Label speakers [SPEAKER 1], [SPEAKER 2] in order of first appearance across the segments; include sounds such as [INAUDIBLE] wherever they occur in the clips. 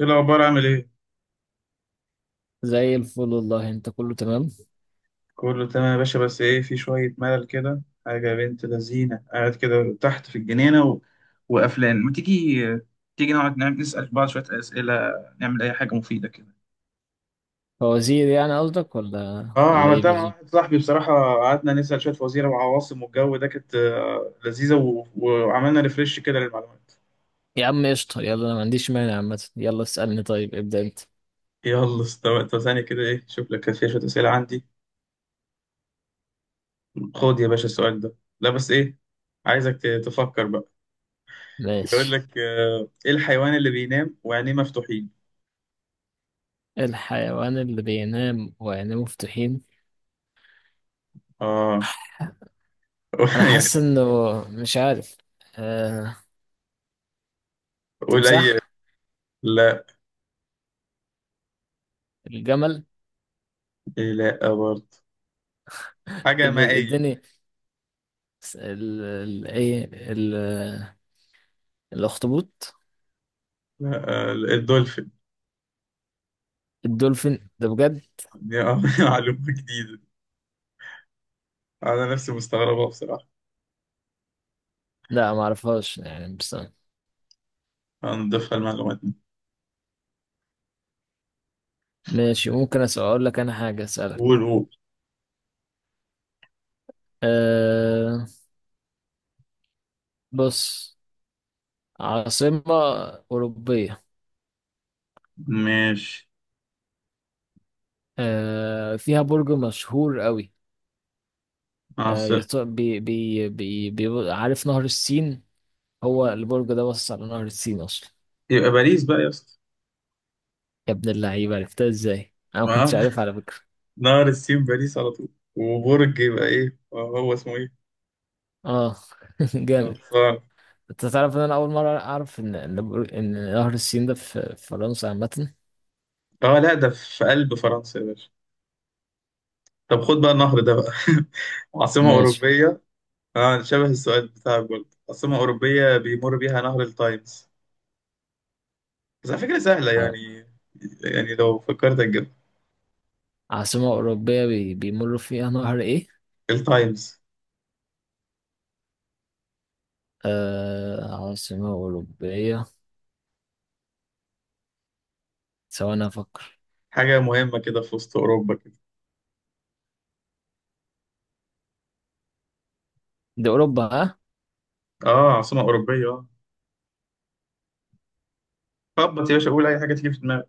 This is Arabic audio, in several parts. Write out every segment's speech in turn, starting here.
[SPEAKER 1] ايه الاخبار؟ عامل ايه؟
[SPEAKER 2] زي الفل والله. انت كله تمام؟
[SPEAKER 1] كله تمام يا باشا، بس ايه في شويه ملل كده. حاجه يا بنت لذينه، قاعد كده تحت في الجنينه وقفلان، ما تيجي تيجي نقعد نعمل نسال بعض شويه اسئله، نعمل اي حاجه مفيده كده.
[SPEAKER 2] فوزير يعني قصدك، ولا
[SPEAKER 1] اه
[SPEAKER 2] ولا ايه
[SPEAKER 1] عملتها مع
[SPEAKER 2] بالظبط؟
[SPEAKER 1] واحد صاحبي بصراحه، قعدنا نسال شويه وزير وعواصم والجو ده، كانت لذيذه وعملنا ريفريش كده للمعلومات.
[SPEAKER 2] يا عم قشطة. يلا انا ما عنديش مانع عامة. يلا اسألني. طيب ابدأ انت.
[SPEAKER 1] يلا استوى. طب ثانيه كده، ايه، شوف لك كان فيها شويه اسئله عندي. خد يا باشا السؤال ده. لا بس ايه، عايزك تفكر بقى. يقول
[SPEAKER 2] ماشي.
[SPEAKER 1] لك ايه الحيوان اللي بينام وعينيه مفتوحين؟
[SPEAKER 2] الحيوان اللي بينام وعينيه مفتوحين؟
[SPEAKER 1] اه. [LAUGHS]
[SPEAKER 2] انا حاسس
[SPEAKER 1] يعني
[SPEAKER 2] انه، مش عارف. آه... تمساح.
[SPEAKER 1] قليل. لا.
[SPEAKER 2] الجمل.
[SPEAKER 1] إيه، لا برضه. حاجة
[SPEAKER 2] طب
[SPEAKER 1] مائية.
[SPEAKER 2] اديني، س- ال... ال... ايه ال... الاخطبوط.
[SPEAKER 1] لا، الدولفين.
[SPEAKER 2] الدولفين ده بجد؟
[SPEAKER 1] دي [LAUGHS] معلومة جديدة، أنا نفسي مستغربها بصراحة.
[SPEAKER 2] لا، ما اعرفهاش يعني، بس.
[SPEAKER 1] هنضيفها المعلومات دي.
[SPEAKER 2] ماشي. ممكن اسأل اقول لك انا حاجة
[SPEAKER 1] قول
[SPEAKER 2] اسألك.
[SPEAKER 1] قول.
[SPEAKER 2] آه، بص. عاصمة أوروبية.
[SPEAKER 1] ماشي.
[SPEAKER 2] فيها برج مشهور قوي. آه
[SPEAKER 1] عاصمة.
[SPEAKER 2] يط- بي بي بي بي عارف نهر السين؟ هو البرج ده باصص على نهر السين أصلا.
[SPEAKER 1] يبقى باريس بقى يا اسطى.
[SPEAKER 2] يا ابن اللعيبة، عرفتها ازاي؟ أنا ما
[SPEAKER 1] آه،
[SPEAKER 2] كنتش عارف على فكرة.
[SPEAKER 1] [LAUGHS] نهر السين باريس على طول. وبرج يبقى ايه، هو اسمه ايه؟
[SPEAKER 2] اه. [LAUGHS] جامد.
[SPEAKER 1] خلصان.
[SPEAKER 2] انت تعرف ان انا اول مرة اعرف إن نهر السين ده في فرنسا عامة.
[SPEAKER 1] اه لا، ده في قلب فرنسا يا باشا. طب خد بقى النهر ده بقى. [LAUGHS] عاصمة
[SPEAKER 2] ماشي.
[SPEAKER 1] أوروبية. اه، شبه السؤال بتاعك برضه، عاصمة أوروبية بيمر بيها نهر التايمز، بس على فكرة سهلة
[SPEAKER 2] ع-
[SPEAKER 1] يعني، يعني لو فكرت أجيب.
[SPEAKER 2] عاصمة أوروبية بيمر فيها نهر ايه؟
[SPEAKER 1] التايمز.
[SPEAKER 2] عاصمة أوروبية. ثواني أفكر.
[SPEAKER 1] حاجة مهمة كده في وسط أوروبا كده.
[SPEAKER 2] دي أوروبا، ها؟
[SPEAKER 1] اه عاصمة أوروبية اه. خبط يا باشا، قول أي حاجة تيجي في دماغك.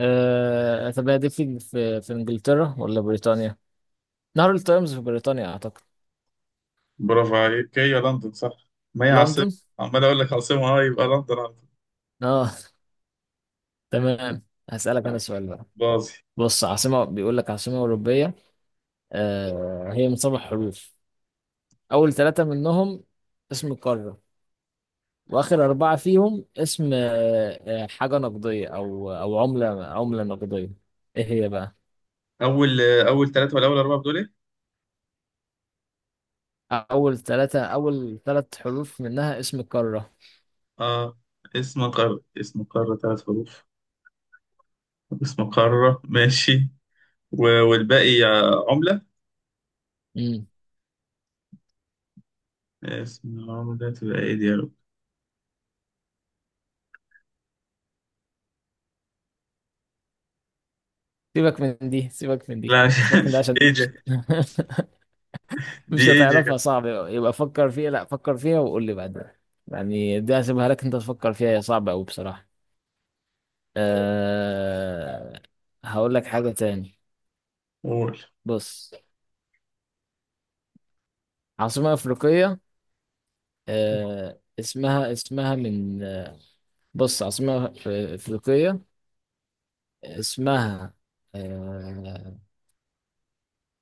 [SPEAKER 2] طب هي دي في انجلترا ولا بريطانيا؟ نهر التايمز في بريطانيا اعتقد.
[SPEAKER 1] برافو عليك، هي لندن صح، ما هي عاصمة.
[SPEAKER 2] لندن.
[SPEAKER 1] عمال أقول لك عاصمة، اه، يبقى لندن على طول.
[SPEAKER 2] اه. تمام. هسألك انا
[SPEAKER 1] آه،
[SPEAKER 2] سؤال بقى.
[SPEAKER 1] باظي.
[SPEAKER 2] بص، عاصمة، بيقول لك عاصمة أوروبية. هي من سبع حروف. أول ثلاثة منهم اسم قارة. وآخر أربعة فيهم اسم، حاجة نقدية، أو عملة نقدية. إيه هي بقى؟
[SPEAKER 1] أول، أول ثلاثة ولا أول أربعة بتقول إيه؟
[SPEAKER 2] أول ثلاث حروف منها اسم قارة.
[SPEAKER 1] اه، اسم قارة، اسم قارة ثلاث حروف، اسم قارة ماشي. والباقي عملة.
[SPEAKER 2] امم.
[SPEAKER 1] اسم العمر ده تبقى ايه دي يا رب؟
[SPEAKER 2] سيبك من دي، سيبك من دي،
[SPEAKER 1] لا،
[SPEAKER 2] سيبك من ده
[SPEAKER 1] [LAUGHS]
[SPEAKER 2] عشان
[SPEAKER 1] ايه
[SPEAKER 2] مش،
[SPEAKER 1] دي؟
[SPEAKER 2] [LAUGHS]
[SPEAKER 1] دي
[SPEAKER 2] مش
[SPEAKER 1] ايه دي يا
[SPEAKER 2] هتعرفها،
[SPEAKER 1] جدع؟
[SPEAKER 2] صعب، يبقى فكر فيها. لا، فكر فيها وقول لي بعدين. يعني دي هسيبها لك انت تفكر فيها، هي صعبة أوي بصراحة. أه... هقول لك حاجة تاني.
[SPEAKER 1] قول.
[SPEAKER 2] بص. عاصمة أفريقية. اسمها من. بص، عاصمة أفريقية. اسمها أه...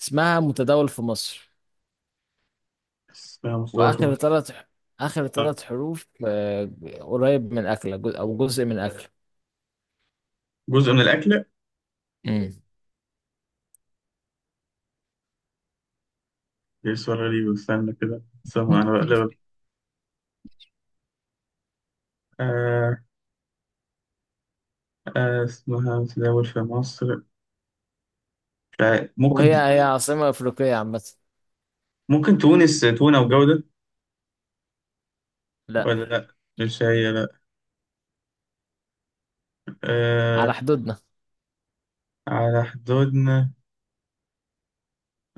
[SPEAKER 2] اسمها متداول في مصر.
[SPEAKER 1] اسمها مصدر
[SPEAKER 2] وآخر
[SPEAKER 1] مثلا.
[SPEAKER 2] ثلاث آخر
[SPEAKER 1] آه.
[SPEAKER 2] ثلاث حروف، قريب من أكلة، جزء، أو جزء من أكلة.
[SPEAKER 1] جزء من الأكلة.
[SPEAKER 2] مم.
[SPEAKER 1] دي سؤال غريب، استنى كده استنى، أنا
[SPEAKER 2] [LAUGHS]
[SPEAKER 1] بقلبك. آه. آه، اسمها متداول في مصر. مش عارف. ممكن
[SPEAKER 2] وهي هي عاصمة أفريقية عامة.
[SPEAKER 1] ممكن تونس، تونة وجودة.
[SPEAKER 2] لا.
[SPEAKER 1] ولا لأ، مش هي لأ.
[SPEAKER 2] على
[SPEAKER 1] آه.
[SPEAKER 2] حدودنا.
[SPEAKER 1] على حدودنا.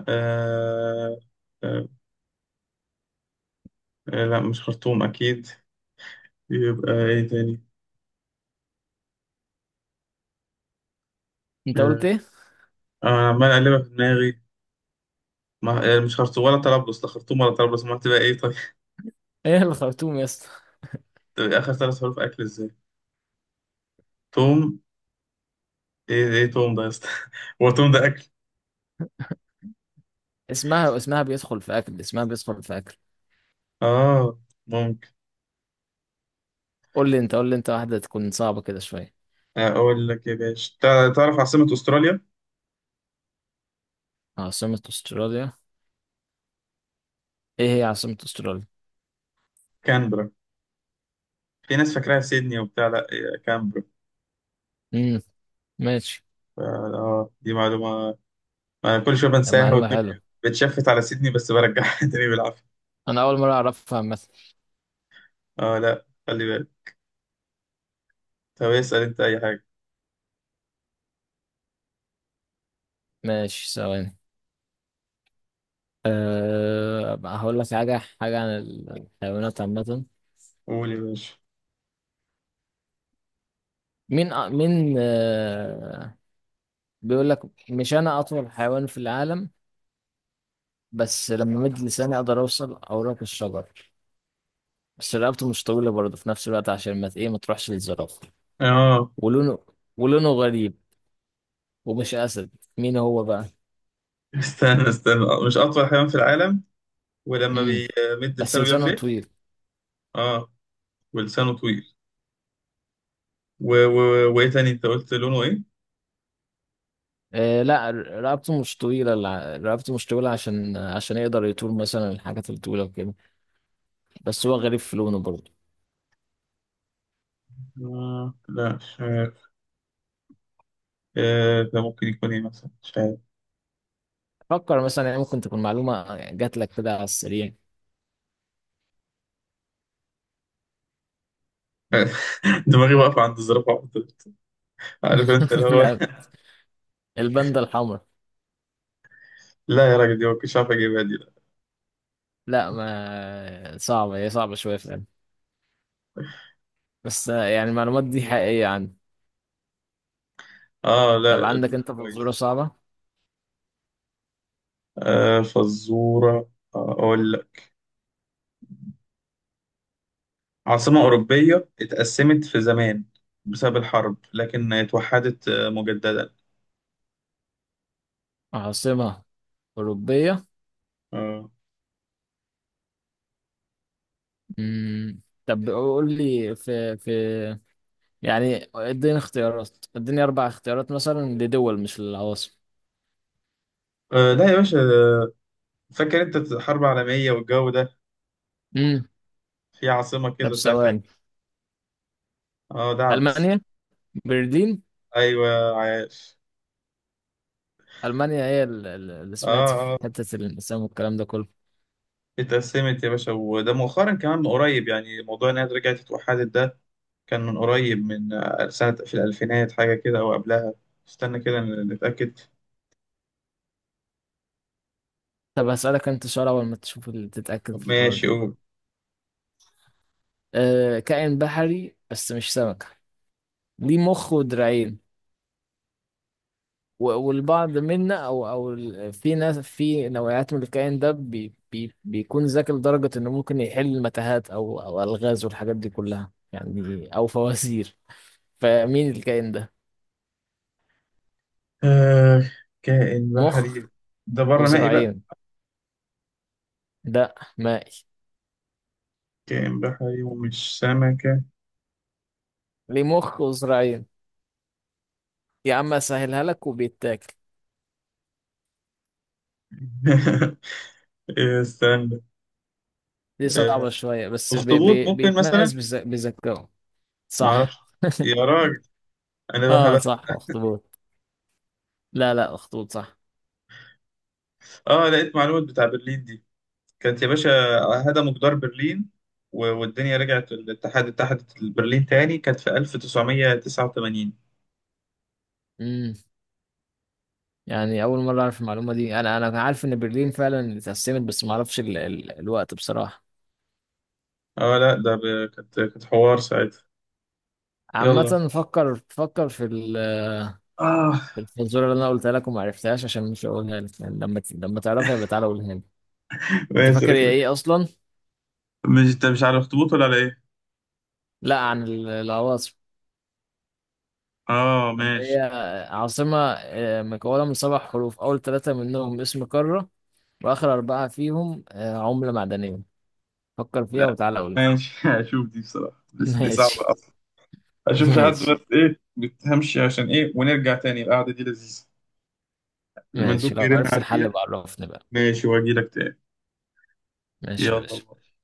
[SPEAKER 1] آه. آه. آه، لأ مش خرطوم أكيد. يبقى إيه تاني؟
[SPEAKER 2] انت قلت
[SPEAKER 1] آه.
[SPEAKER 2] ايه؟
[SPEAKER 1] أنا عمال أقلبها في دماغي، ما يعني مش خرطوم ولا طرابلس، لا خرطوم ولا طرابلس ما تبقى ايه طيب. [LAUGHS]
[SPEAKER 2] ايه الخرطوم يا اسطى؟
[SPEAKER 1] تبقى اخر ثلاث حروف اكل ازاي؟ توم. ايه ايه توم ده يا اسطى؟ [LAUGHS] هو توم ده اكل؟
[SPEAKER 2] اسمها بيدخل في اكل، اسمها بيدخل في اكل.
[SPEAKER 1] اه. ممكن.
[SPEAKER 2] قول لي انت، قول لي انت واحده تكون صعبه كده شويه.
[SPEAKER 1] اقول لك يا باشا، تعرف عاصمة استراليا؟
[SPEAKER 2] عاصمه استراليا؟ ايه هي عاصمه استراليا؟
[SPEAKER 1] كانبرا. في ناس فاكراها سيدني وبتاع، لا هي كانبرا.
[SPEAKER 2] امم. ماشي.
[SPEAKER 1] اه دي معلومة، انا كل شوية بنساها
[SPEAKER 2] معلومه
[SPEAKER 1] ودماغي
[SPEAKER 2] حلوه.
[SPEAKER 1] بتشفت على سيدني، بس برجعها [LAUGHS] تاني بالعافية.
[SPEAKER 2] انا اول مره اعرفها عامه.
[SPEAKER 1] اه لا، خلي بالك. طب اسأل انت اي حاجة.
[SPEAKER 2] ماشي، ثواني. بقى هقول لك حاجه عن الحيوانات عامه.
[SPEAKER 1] قول يا باشا.
[SPEAKER 2] مين بيقول لك، مش انا اطول حيوان في العالم. بس لما مد لساني اقدر اوصل اوراق الشجر. بس رقبته مش طويلة برضه في نفس الوقت عشان ما تروحش للزرافة.
[SPEAKER 1] اه،
[SPEAKER 2] ولونه ولونه غريب. ومش أسد. مين هو بقى؟
[SPEAKER 1] استنى استنى، مش اطول حيوان في العالم، ولما
[SPEAKER 2] امم.
[SPEAKER 1] بيمد
[SPEAKER 2] بس
[SPEAKER 1] لسانه بيعمل
[SPEAKER 2] لسانه
[SPEAKER 1] ايه؟
[SPEAKER 2] طويل.
[SPEAKER 1] اه، ولسانه طويل و... و... وايه تاني انت قلت لونه ايه؟
[SPEAKER 2] لا، رقبته مش طويلة عشان يقدر يطول مثلا الحاجات الطويلة وكده. بس هو غريب في لونه برضه.
[SPEAKER 1] آه لا مش عارف. آه ده ممكن يكون ايه مثلا، مش عارف.
[SPEAKER 2] فكر مثلا، يعني ممكن تكون معلومة جات لك كده على السريع.
[SPEAKER 1] [LAUGHS] دماغي واقفة عند الزرافة على طول. عارف انت اللي
[SPEAKER 2] [LAUGHS]
[SPEAKER 1] هو
[SPEAKER 2] لا.
[SPEAKER 1] [LAUGHS]
[SPEAKER 2] الباندا الحمراء.
[SPEAKER 1] لا يا راجل، دي ما كنتش عارف اجيبها دي لا.
[SPEAKER 2] لا، ما صعبة، هي صعبة شوية فعلا. بس يعني المعلومات دي حقيقية عندي.
[SPEAKER 1] اه
[SPEAKER 2] طب
[SPEAKER 1] لا.
[SPEAKER 2] عندك انت فزورة
[SPEAKER 1] كويس.
[SPEAKER 2] صعبة؟
[SPEAKER 1] آه فزورة. آه اقول لك. عاصمة أوروبية اتقسمت في زمان بسبب الحرب، لكن اتوحدت مجددا.
[SPEAKER 2] عاصمة أوروبية.
[SPEAKER 1] آه.
[SPEAKER 2] مم. طب قول لي، في. يعني اديني أربع اختيارات مثلا لدول، مش للعواصم.
[SPEAKER 1] آه لا يا باشا، فاكر انت الحرب العالمية والجو ده،
[SPEAKER 2] مم.
[SPEAKER 1] في عاصمة
[SPEAKER 2] طب
[SPEAKER 1] كده ساعتها.
[SPEAKER 2] ثواني.
[SPEAKER 1] اه ده عبس.
[SPEAKER 2] ألمانيا. برلين.
[SPEAKER 1] ايوه عارف.
[SPEAKER 2] ألمانيا هي اللي
[SPEAKER 1] اه
[SPEAKER 2] سمعت في
[SPEAKER 1] اه،
[SPEAKER 2] حتة الانقسام والكلام ده كله.
[SPEAKER 1] اتقسمت يا باشا، وده مؤخرا كمان من قريب يعني، موضوع انها رجعت اتوحدت ده كان من قريب، من سنة في الألفينات حاجة كده أو قبلها. استنى كده نتأكد.
[SPEAKER 2] طب هسألك أنت سؤال. أول ما تشوف اللي تتأكد
[SPEAKER 1] طب
[SPEAKER 2] في الحوار
[SPEAKER 1] ماشي
[SPEAKER 2] ده.
[SPEAKER 1] قول.
[SPEAKER 2] كائن بحري بس مش سمكة. ليه مخ ودراعين. والبعض منا، في ناس في نوعيات من الكائن ده، بي بي بيكون ذكي لدرجة انه ممكن يحل متاهات او الغاز والحاجات دي كلها، يعني او فوازير. فمين الكائن ده؟
[SPEAKER 1] آه كائن بحري.
[SPEAKER 2] مخ.
[SPEAKER 1] ده بره مائي بقى.
[SPEAKER 2] وذراعين. ده مائي.
[SPEAKER 1] كائن بحري ومش سمكة.
[SPEAKER 2] ليه مخ وذراعين. يا عم اسهلها لك وبيتاكل.
[SPEAKER 1] [LAUGHS] إيه، استنى.
[SPEAKER 2] دي
[SPEAKER 1] آه،
[SPEAKER 2] صعبة شوية بس بي
[SPEAKER 1] أخطبوط
[SPEAKER 2] بي
[SPEAKER 1] ممكن
[SPEAKER 2] بيتميز
[SPEAKER 1] مثلا.
[SPEAKER 2] بذكائه.
[SPEAKER 1] معرفش.
[SPEAKER 2] صح.
[SPEAKER 1] يا
[SPEAKER 2] [LAUGHS]
[SPEAKER 1] راجل، أنا
[SPEAKER 2] اه،
[SPEAKER 1] بهبت.
[SPEAKER 2] صح، اخطبوط. لا، لا، اخطبوط صح.
[SPEAKER 1] اه لقيت معلومة بتاع برلين دي، كانت يا باشا، هدموا جدار برلين والدنيا رجعت الاتحاد، اتحدت برلين تاني كانت في 1989.
[SPEAKER 2] يعني اول مره اعرف المعلومه دي. انا عارف ان برلين فعلا اتقسمت بس ما اعرفش الوقت بصراحه.
[SPEAKER 1] اه لا ده كانت حوار ساعتها. يلا.
[SPEAKER 2] عامه، فكر في ال...
[SPEAKER 1] اه
[SPEAKER 2] في الفزوره اللي انا قلتها لك وما عرفتهاش، عشان مش هقولها لك يعني لما لما تعرفها يبقى تعالى قولها لي. انت
[SPEAKER 1] ماشي ده
[SPEAKER 2] فاكر هي
[SPEAKER 1] كده.
[SPEAKER 2] ايه اصلا؟
[SPEAKER 1] مش انت مش على الاخطبوط ولا على ايه؟
[SPEAKER 2] لا، عن العواصم
[SPEAKER 1] اه
[SPEAKER 2] اللي هي
[SPEAKER 1] ماشي.
[SPEAKER 2] عاصمه مكونه من سبع حروف، اول ثلاثه منهم اسم قاره. واخر اربعه فيهم عمله معدنيه. فكر فيها
[SPEAKER 1] لا
[SPEAKER 2] وتعالى قول لي.
[SPEAKER 1] ماشي [LAUGHS] هشوف دي بصراحة،
[SPEAKER 2] [LAUGHS]
[SPEAKER 1] دي صعبة
[SPEAKER 2] ماشي.
[SPEAKER 1] اصلا. اشوف في حد،
[SPEAKER 2] ماشي.
[SPEAKER 1] بس ايه بتهمشي عشان ايه، ونرجع تاني القعدة دي لذيذة. المندوب
[SPEAKER 2] ماشي لو
[SPEAKER 1] بيرن
[SPEAKER 2] عرفت الحل
[SPEAKER 1] عليا.
[SPEAKER 2] بعرفني بقى.
[SPEAKER 1] ماشي، واجي لك تاني.
[SPEAKER 2] ماشي يا باشا.
[SPEAKER 1] يلا.